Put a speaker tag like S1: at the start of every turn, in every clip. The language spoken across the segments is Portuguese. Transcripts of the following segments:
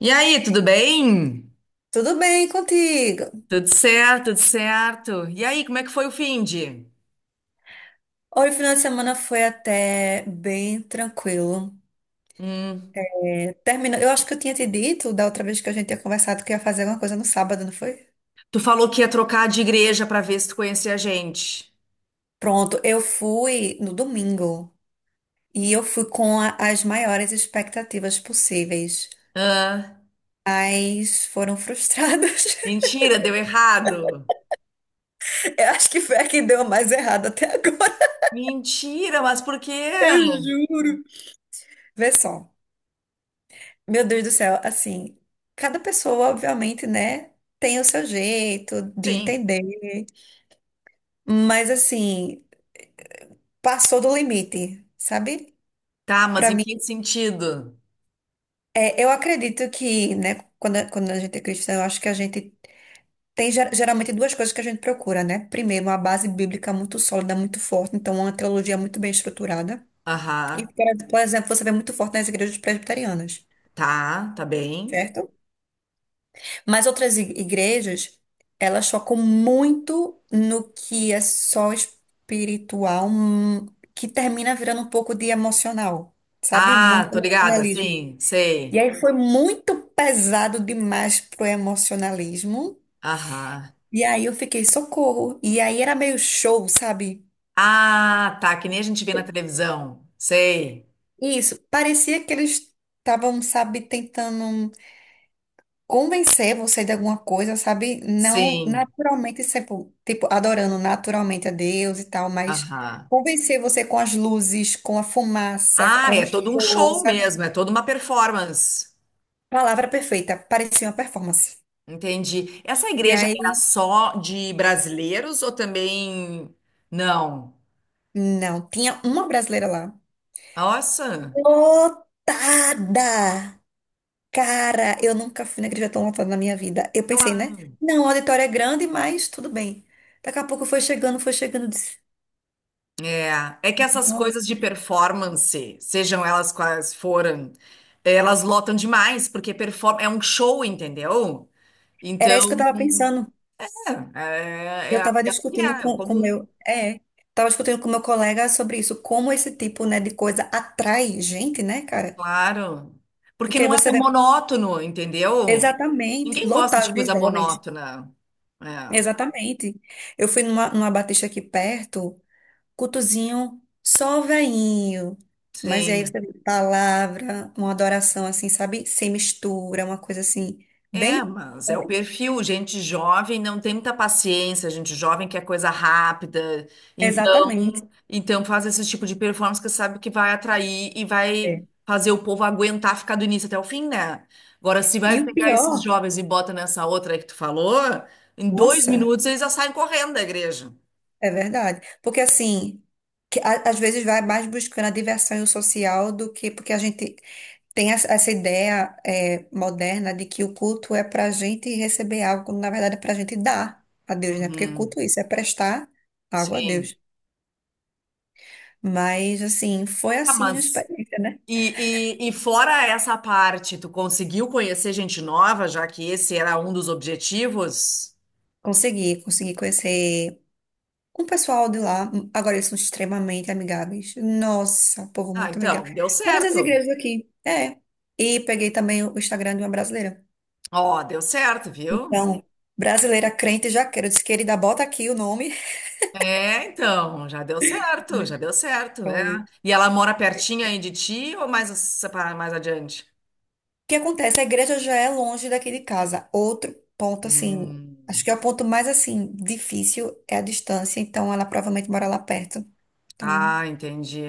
S1: E aí, tudo bem?
S2: Tudo bem contigo?
S1: Tudo certo, tudo certo. E aí, como é que foi o finde?
S2: Olha, o final de semana foi até bem tranquilo.
S1: Hum,
S2: É, eu acho que eu tinha te dito da outra vez que a gente tinha conversado que ia fazer alguma coisa no sábado, não foi?
S1: tu falou que ia trocar de igreja pra ver se tu conhecia a gente.
S2: Pronto, eu fui no domingo e eu fui com as maiores expectativas possíveis,
S1: Hã?
S2: mas foram frustradas.
S1: Mentira, deu errado.
S2: Eu acho que foi a que deu mais errado até agora.
S1: Mentira, mas por quê?
S2: Eu juro. Vê só. Meu Deus do céu, assim, cada pessoa, obviamente, né, tem o seu jeito de
S1: Sim.
S2: entender. Mas assim, passou do limite, sabe?
S1: Tá, mas
S2: Pra
S1: em
S2: mim,
S1: que sentido?
S2: eu acredito que, né, quando a gente é cristã, eu acho que a gente tem geralmente duas coisas que a gente procura, né? Primeiro, uma base bíblica muito sólida, muito forte, então uma teologia muito bem estruturada. E,
S1: Aham.
S2: por exemplo, você vê muito forte nas igrejas presbiterianas,
S1: Tá, tá bem.
S2: certo? Mas outras igrejas, elas focam muito no que é só espiritual, que termina virando um pouco de emocional, sabe?
S1: Ah,
S2: Muito
S1: tô ligada,
S2: emocionalismo.
S1: sim,
S2: E
S1: sei.
S2: aí foi muito pesado demais pro emocionalismo.
S1: Aham.
S2: E aí eu fiquei, socorro. E aí era meio show, sabe?
S1: Ah, tá, que nem a gente vê na televisão. Sei.
S2: Isso, parecia que eles estavam, sabe, tentando convencer você de alguma coisa, sabe? Não
S1: Sim.
S2: naturalmente, tipo, adorando naturalmente a Deus e tal, mas
S1: Aham.
S2: convencer você com as luzes, com a fumaça,
S1: Ah,
S2: com
S1: é
S2: o
S1: todo um
S2: show,
S1: show
S2: sabe?
S1: mesmo, é toda uma performance.
S2: Palavra perfeita, parecia uma performance.
S1: Entendi. Essa
S2: E
S1: igreja era
S2: aí,
S1: só de brasileiros ou também. Não.
S2: não, tinha uma brasileira lá,
S1: Nossa.
S2: lotada! Cara, eu nunca fui na igreja tão lotada na minha vida. Eu
S1: Olha
S2: pensei, né?
S1: lá.
S2: Não, o auditório é grande, mas tudo bem. Daqui a pouco foi chegando, eu disse,
S1: É, é que essas
S2: nossa,
S1: coisas de performance, sejam elas quais forem, elas lotam demais, porque perform é um show, entendeu?
S2: era
S1: Então,
S2: isso que eu tava pensando.
S1: é, é,
S2: Eu
S1: é,
S2: estava
S1: é o que é,
S2: discutindo
S1: é
S2: com com
S1: comum.
S2: meu, é, estava discutindo com meu colega sobre isso, como esse tipo, né, de coisa atrai gente, né, cara?
S1: Claro. Porque
S2: Porque
S1: não é
S2: você
S1: tão
S2: vê
S1: monótono, entendeu?
S2: exatamente
S1: Ninguém gosta de
S2: lotado de
S1: coisa
S2: jovens.
S1: monótona. É,
S2: Exatamente. Eu fui numa batista aqui perto, cultozinho só veinho. Mas e aí
S1: sim.
S2: você vê palavra, uma adoração assim, sabe? Sem mistura, uma coisa assim,
S1: É,
S2: bem.
S1: mas é o perfil. Gente jovem não tem muita paciência, gente jovem quer coisa rápida. Então,
S2: Exatamente.
S1: então faz esse tipo de performance que sabe que vai atrair e vai
S2: É.
S1: fazer o povo aguentar ficar do início até o fim, né? Agora, se
S2: E
S1: vai
S2: o
S1: pegar esses
S2: pior,
S1: jovens e bota nessa outra aí que tu falou, em dois
S2: nossa.
S1: minutos eles já saem correndo da igreja.
S2: É verdade. Porque assim, às vezes vai mais buscando a diversão e o social do que porque a gente tem essa ideia moderna de que o culto é para a gente receber algo, quando na verdade é para a gente dar a Deus, né? Porque
S1: Uhum.
S2: culto é isso, é prestar algo a
S1: Sim.
S2: Deus. Mas assim, foi
S1: Ah,
S2: assim a
S1: mas
S2: experiência, né?
S1: e fora essa parte, tu conseguiu conhecer gente nova, já que esse era um dos objetivos?
S2: Consegui, consegui conhecer um pessoal de lá. Agora eles são extremamente amigáveis. Nossa, povo
S1: Ah,
S2: muito amigável.
S1: então, deu
S2: Mas as
S1: certo.
S2: igrejas aqui, é. E peguei também o Instagram de uma brasileira.
S1: Ó, deu certo, viu?
S2: Então, brasileira crente jaqueira, eu disse, querida, bota aqui o nome.
S1: É, então,
S2: né?
S1: já deu certo,
S2: Então,
S1: né?
S2: o
S1: E ela mora pertinho aí de ti ou mais separa mais adiante?
S2: que acontece? A igreja já é longe daqui de casa. Outro ponto, assim,
S1: Hum.
S2: acho que é o ponto mais, assim, difícil é a distância. Então, ela provavelmente mora lá perto. Então,
S1: Ah, entendi.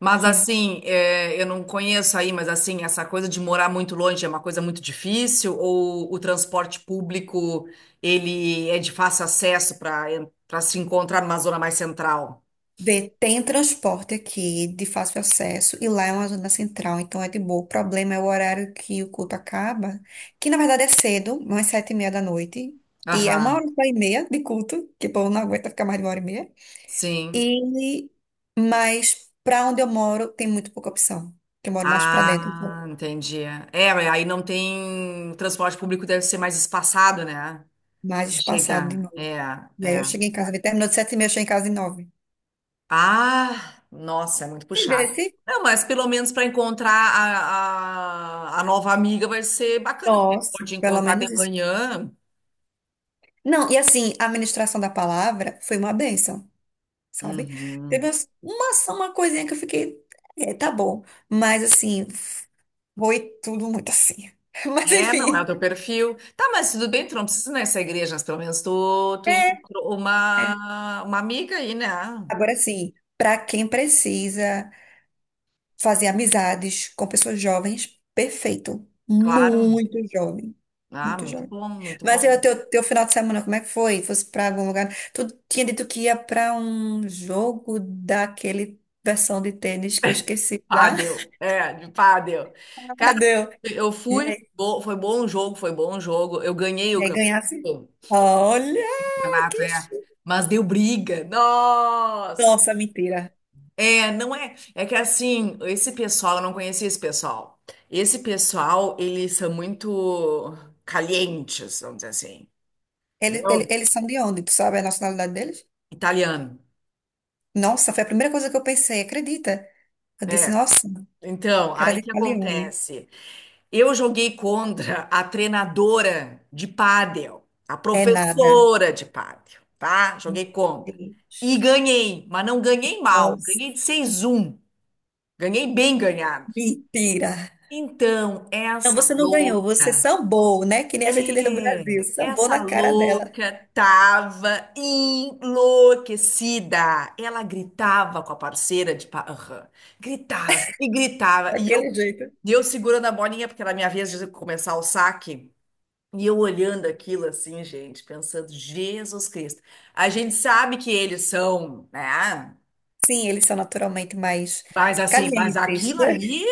S1: Mas
S2: é.
S1: assim, eu não conheço aí, mas assim, essa coisa de morar muito longe é uma coisa muito difícil ou o transporte público ele é de fácil acesso para para se encontrar numa zona mais central?
S2: Vê, tem transporte aqui de fácil acesso e lá é uma zona central, então é de boa. O problema é o horário que o culto acaba, que na verdade é cedo, umas 7:30 da noite. E é uma hora
S1: Aham,
S2: e meia de culto, que o povo não aguenta ficar mais de uma hora e meia.
S1: sim.
S2: E, mas para onde eu moro tem muito pouca opção. Que eu moro mais para dentro, então,
S1: Ah, entendi. É, mas aí não tem. O transporte público deve ser mais espaçado, né?
S2: mais espaçado de
S1: Chegar. É,
S2: novo. E aí
S1: é.
S2: eu cheguei em casa, terminou de 7:30, eu cheguei em casa de nove.
S1: Ah, nossa, é muito puxado.
S2: Entendesse?
S1: Não, mas pelo menos para encontrar a nova amiga vai ser bacana, porque tu
S2: Nossa,
S1: pode
S2: pelo
S1: encontrar de
S2: menos isso.
S1: manhã.
S2: Não, e assim, a ministração da palavra foi uma bênção, sabe? Teve
S1: Uhum.
S2: uma coisinha que eu fiquei, é, tá bom. Mas assim, foi tudo muito assim. Mas
S1: É, não é o
S2: enfim.
S1: teu perfil. Tá, mas tudo bem, tu não precisa ir nessa igreja, mas pelo menos tu
S2: É,
S1: encontrou
S2: é.
S1: uma amiga aí, né? Ah,
S2: Agora sim, para quem precisa fazer amizades com pessoas jovens, perfeito.
S1: claro.
S2: Muito jovem.
S1: Ah,
S2: Muito
S1: muito
S2: jovem.
S1: bom, muito
S2: Mas e
S1: bom.
S2: o teu final de semana, como é que foi? Fosse pra algum lugar? Tu tinha dito que ia pra um jogo daquele versão de tênis que eu esqueci já.
S1: Pádel, é, de pádel. Cara,
S2: Ah, deu.
S1: eu
S2: E
S1: fui,
S2: aí,
S1: foi bom o jogo, foi bom o jogo. Eu ganhei
S2: e
S1: o
S2: aí ganhasse?
S1: campeonato.
S2: Olha,
S1: Renato,
S2: que
S1: é.
S2: chique.
S1: Mas deu briga. Nossa!
S2: Nossa, mentira.
S1: É, não é. É que assim, esse pessoal, eu não conhecia esse pessoal. Esse pessoal, eles são muito calientes, vamos dizer assim. Entendeu?
S2: Eles são de onde? Tu sabe a nacionalidade deles?
S1: Italiano.
S2: Nossa, foi a primeira coisa que eu pensei, acredita? Eu disse,
S1: É.
S2: nossa,
S1: Então,
S2: cara
S1: aí o
S2: de
S1: que
S2: italiano.
S1: acontece? Eu joguei contra a treinadora de pádel, a
S2: É nada.
S1: professora de pádel, tá?
S2: Meu
S1: Joguei contra. E
S2: Deus.
S1: ganhei, mas não ganhei mal,
S2: Nossa,
S1: ganhei de 6 um. Ganhei bem ganhado.
S2: mentira.
S1: Então,
S2: Não, você não ganhou, você sambou, né? Que nem a gente tem no Brasil, sambou na
S1: essa
S2: cara dela,
S1: louca tava enlouquecida. Ela gritava com a parceira de parra, gritava e gritava, e
S2: daquele
S1: eu,
S2: jeito.
S1: e eu segurando a bolinha, porque era a minha vez de começar o saque, e eu olhando aquilo assim, gente, pensando, Jesus Cristo. A gente sabe que eles são, né?
S2: Sim, eles são naturalmente mais
S1: Mas assim, mas
S2: calientes,
S1: aquilo
S2: né?
S1: ali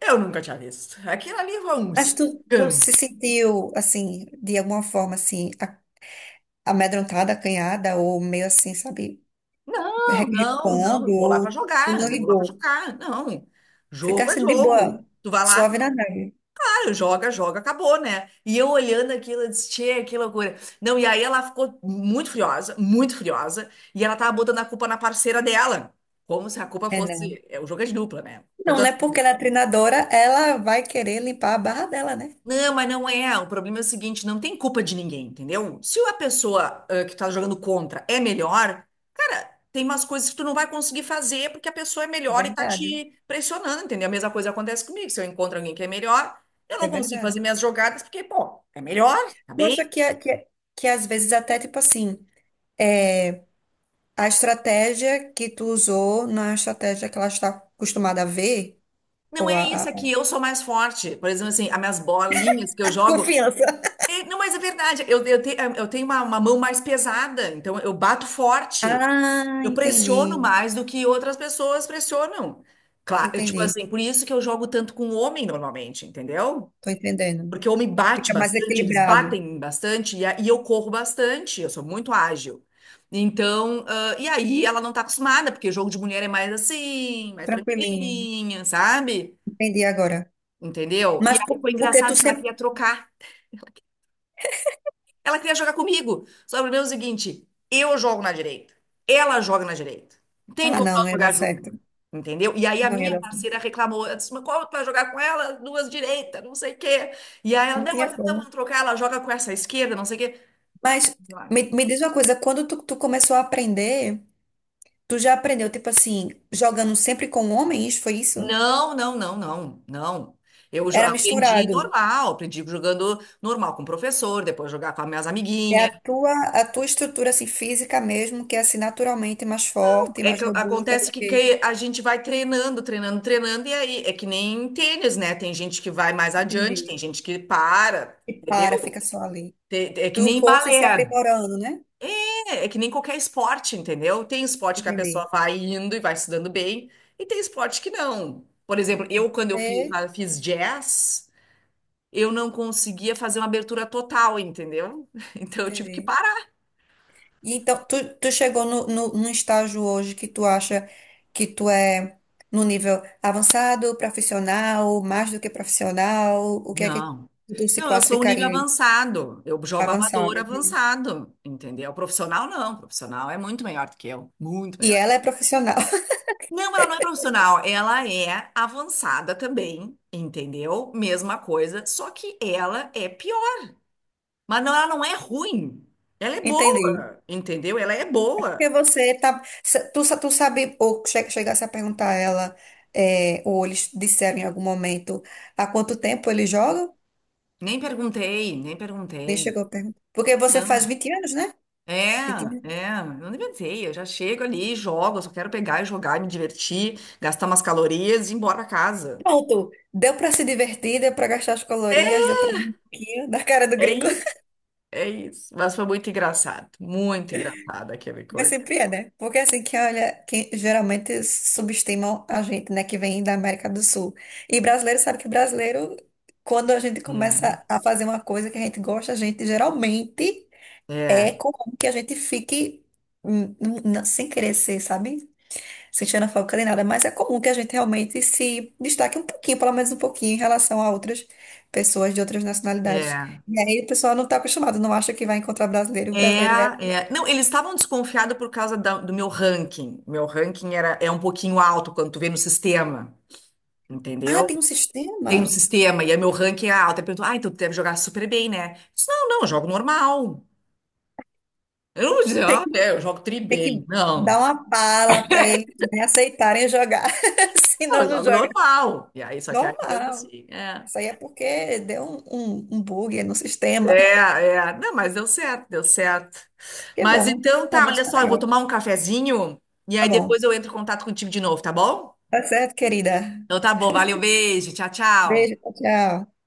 S1: eu nunca tinha visto. Aquilo ali foi um
S2: Mas tu se
S1: escândalo.
S2: sentiu, assim, de alguma forma, assim, amedrontada, acanhada, ou meio assim, sabe,
S1: Não, não, não,
S2: recuando,
S1: eu vou lá para
S2: ou tu não
S1: jogar, eu vou lá para
S2: ligou.
S1: jogar. Não, jogo é
S2: Ficasse de
S1: jogo.
S2: boa,
S1: Tu vai lá,
S2: suave na neve.
S1: ah, joga, joga, acabou, né? E eu olhando aquilo, eu disse, tchê, que loucura. Não, e aí ela ficou muito furiosa, e ela tava botando a culpa na parceira dela, como se a culpa
S2: É, não.
S1: fosse, o jogo é de dupla, né? Foi
S2: Não,
S1: das
S2: né? Porque ela é treinadora, ela vai querer limpar a barra dela, né?
S1: Não, mas não é. O problema é o seguinte, não tem culpa de ninguém, entendeu? Se a pessoa que tá jogando contra é melhor, cara, tem umas coisas que tu não vai conseguir fazer porque a pessoa é
S2: É
S1: melhor e tá
S2: verdade,
S1: te pressionando, entendeu? A mesma coisa acontece comigo. Se eu encontro alguém que é melhor, eu não
S2: é
S1: consigo fazer
S2: verdade.
S1: minhas jogadas porque, pô, é melhor, tá
S2: Eu
S1: bem?
S2: acho que às vezes até tipo assim, é, a estratégia que tu usou não é a estratégia que ela está acostumada a ver,
S1: Não
S2: ou
S1: é isso, aqui. Eu sou mais forte. Por exemplo, assim, as minhas bolinhas que eu
S2: a
S1: jogo,
S2: confiança.
S1: é, não, mas é verdade, eu tenho uma mão mais pesada, então eu bato forte.
S2: Ah,
S1: Eu pressiono
S2: entendi,
S1: mais do que outras pessoas pressionam. Claro, tipo
S2: entendi,
S1: assim, por isso que eu jogo tanto com homem normalmente, entendeu?
S2: tô entendendo.
S1: Porque o homem bate
S2: Fica mais
S1: bastante, eles
S2: equilibrado,
S1: batem bastante e eu corro bastante, eu sou muito ágil. Então, e aí ela não tá acostumada, porque o jogo de mulher é mais assim, mais
S2: tranquilinho,
S1: tranquilinha, sabe?
S2: entendi agora.
S1: Entendeu? E
S2: Mas
S1: aí foi
S2: porque tu
S1: engraçado que ela
S2: sempre...
S1: queria trocar. Ela queria jogar comigo. Só que o problema é o seguinte: eu jogo na direita, ela joga na direita. Não tem
S2: Ah,
S1: como
S2: não,
S1: nós
S2: não ia dar
S1: jogar
S2: certo,
S1: junto. Entendeu? E aí a
S2: não ia
S1: minha
S2: dar certo,
S1: parceira reclamou. Ela disse, mas como tu vai jogar com ela? Duas direitas, não sei o quê. E aí ela,
S2: não
S1: não, mas
S2: tinha
S1: então
S2: como.
S1: vamos trocar, ela joga com essa esquerda, não sei o quê.
S2: Mas me diz uma coisa, quando tu começou a aprender... Tu já aprendeu, tipo assim, jogando sempre com homens, foi isso?
S1: Não, não, não, não, não. Eu jo-
S2: Era
S1: aprendi
S2: misturado.
S1: normal, aprendi jogando normal com o professor, depois jogar com as minhas
S2: É
S1: amiguinhas.
S2: a tua estrutura assim, física mesmo, que é assim naturalmente mais forte,
S1: É
S2: mais
S1: que
S2: robusta do
S1: acontece que,
S2: que.
S1: que a gente vai treinando, treinando, treinando, e aí é que nem tênis, né? Tem gente que vai mais adiante, tem
S2: Entendi.
S1: gente que para,
S2: E para,
S1: entendeu?
S2: fica só ali.
S1: É que
S2: Tu
S1: nem
S2: fosse se
S1: balé,
S2: aprimorando, né?
S1: é que nem qualquer esporte, entendeu? Tem esporte que a
S2: Entendi.
S1: pessoa vai indo e vai se dando bem, e tem esporte que não. Por exemplo, eu, quando eu fiz,
S2: É,
S1: jazz, eu não conseguia fazer uma abertura total, entendeu? Então eu tive que
S2: entendi.
S1: parar.
S2: E então, tu chegou no, no, num estágio hoje que tu acha que tu é no nível avançado, profissional, mais do que profissional, o que é que
S1: Não.
S2: tu se
S1: Não, eu sou um nível
S2: classificaria aí?
S1: avançado. Eu jogo amador
S2: Avançado.
S1: avançado, entendeu? Profissional não. Profissional é muito melhor do que eu. Muito
S2: E
S1: melhor.
S2: ela é profissional,
S1: Não, ela não é profissional. Ela é avançada também, entendeu? Mesma coisa, só que ela é pior. Mas não, ela não é ruim. Ela é
S2: entendi.
S1: boa, entendeu? Ela é
S2: Porque
S1: boa.
S2: você tá. se- Tu, sa- tu sabe, ou chegasse a perguntar a ela, é, ou eles disseram em algum momento há quanto tempo ele joga?
S1: Nem perguntei, nem
S2: Nem
S1: perguntei.
S2: chegou a perguntar. Porque você faz
S1: Não.
S2: 20 anos, né?
S1: É,
S2: 20 anos.
S1: é, eu não inventei, eu já chego ali, jogo, eu só quero pegar e jogar, me divertir, gastar umas calorias e ir embora pra casa.
S2: Pronto. Deu pra se divertir, deu pra gastar as calorias, deu pra rir um pouquinho da cara do
S1: É
S2: gringo.
S1: isso, é isso. Mas foi muito engraçado aquela
S2: Mas
S1: coisa.
S2: sempre é, né? Porque é assim, que olha, que geralmente subestimam a gente, né, que vem da América do Sul. E brasileiro sabe que brasileiro, quando a gente
S1: É,
S2: começa a fazer uma coisa que a gente gosta, a gente geralmente
S1: é,
S2: é comum que a gente fique sem querer ser, sabe? Sem xenofóbica nem nada, mas é comum que a gente realmente se destaque um pouquinho, pelo menos um pouquinho, em relação a outras pessoas de outras nacionalidades.
S1: é.
S2: E aí o pessoal não tá acostumado, não acha que vai encontrar brasileiro, e o
S1: É,
S2: brasileiro vai.
S1: é. Não, eles estavam desconfiados por causa do meu ranking. Meu ranking é um pouquinho alto quando tu vê no sistema,
S2: Ah,
S1: entendeu?
S2: tem um
S1: Tem no
S2: sistema?
S1: sistema, e aí meu ranking é alto. Aí perguntou, ah, então tu deve jogar super bem, né? Eu disse, não, não, eu jogo normal. Eu não vou eu jogo tri
S2: Tem
S1: bem.
S2: que dar
S1: Não,
S2: uma bala para eles né, aceitarem jogar.
S1: não, eu
S2: Senão não
S1: jogo
S2: joga
S1: normal. E aí, só que aí deu
S2: normal.
S1: assim, é.
S2: Isso aí é porque deu um bug no sistema.
S1: É, é. Não, mas deu certo, deu certo.
S2: Que
S1: Mas
S2: bom.
S1: então
S2: Pelo
S1: tá,
S2: menos
S1: olha
S2: tá
S1: só, eu vou
S2: legal.
S1: tomar um cafezinho e
S2: Tá
S1: aí
S2: bom.
S1: depois eu entro em contato contigo de novo, tá bom?
S2: Tá certo, querida.
S1: Então tá bom, valeu, beijo, tchau,
S2: Beijo,
S1: tchau.
S2: tchau. Tchau.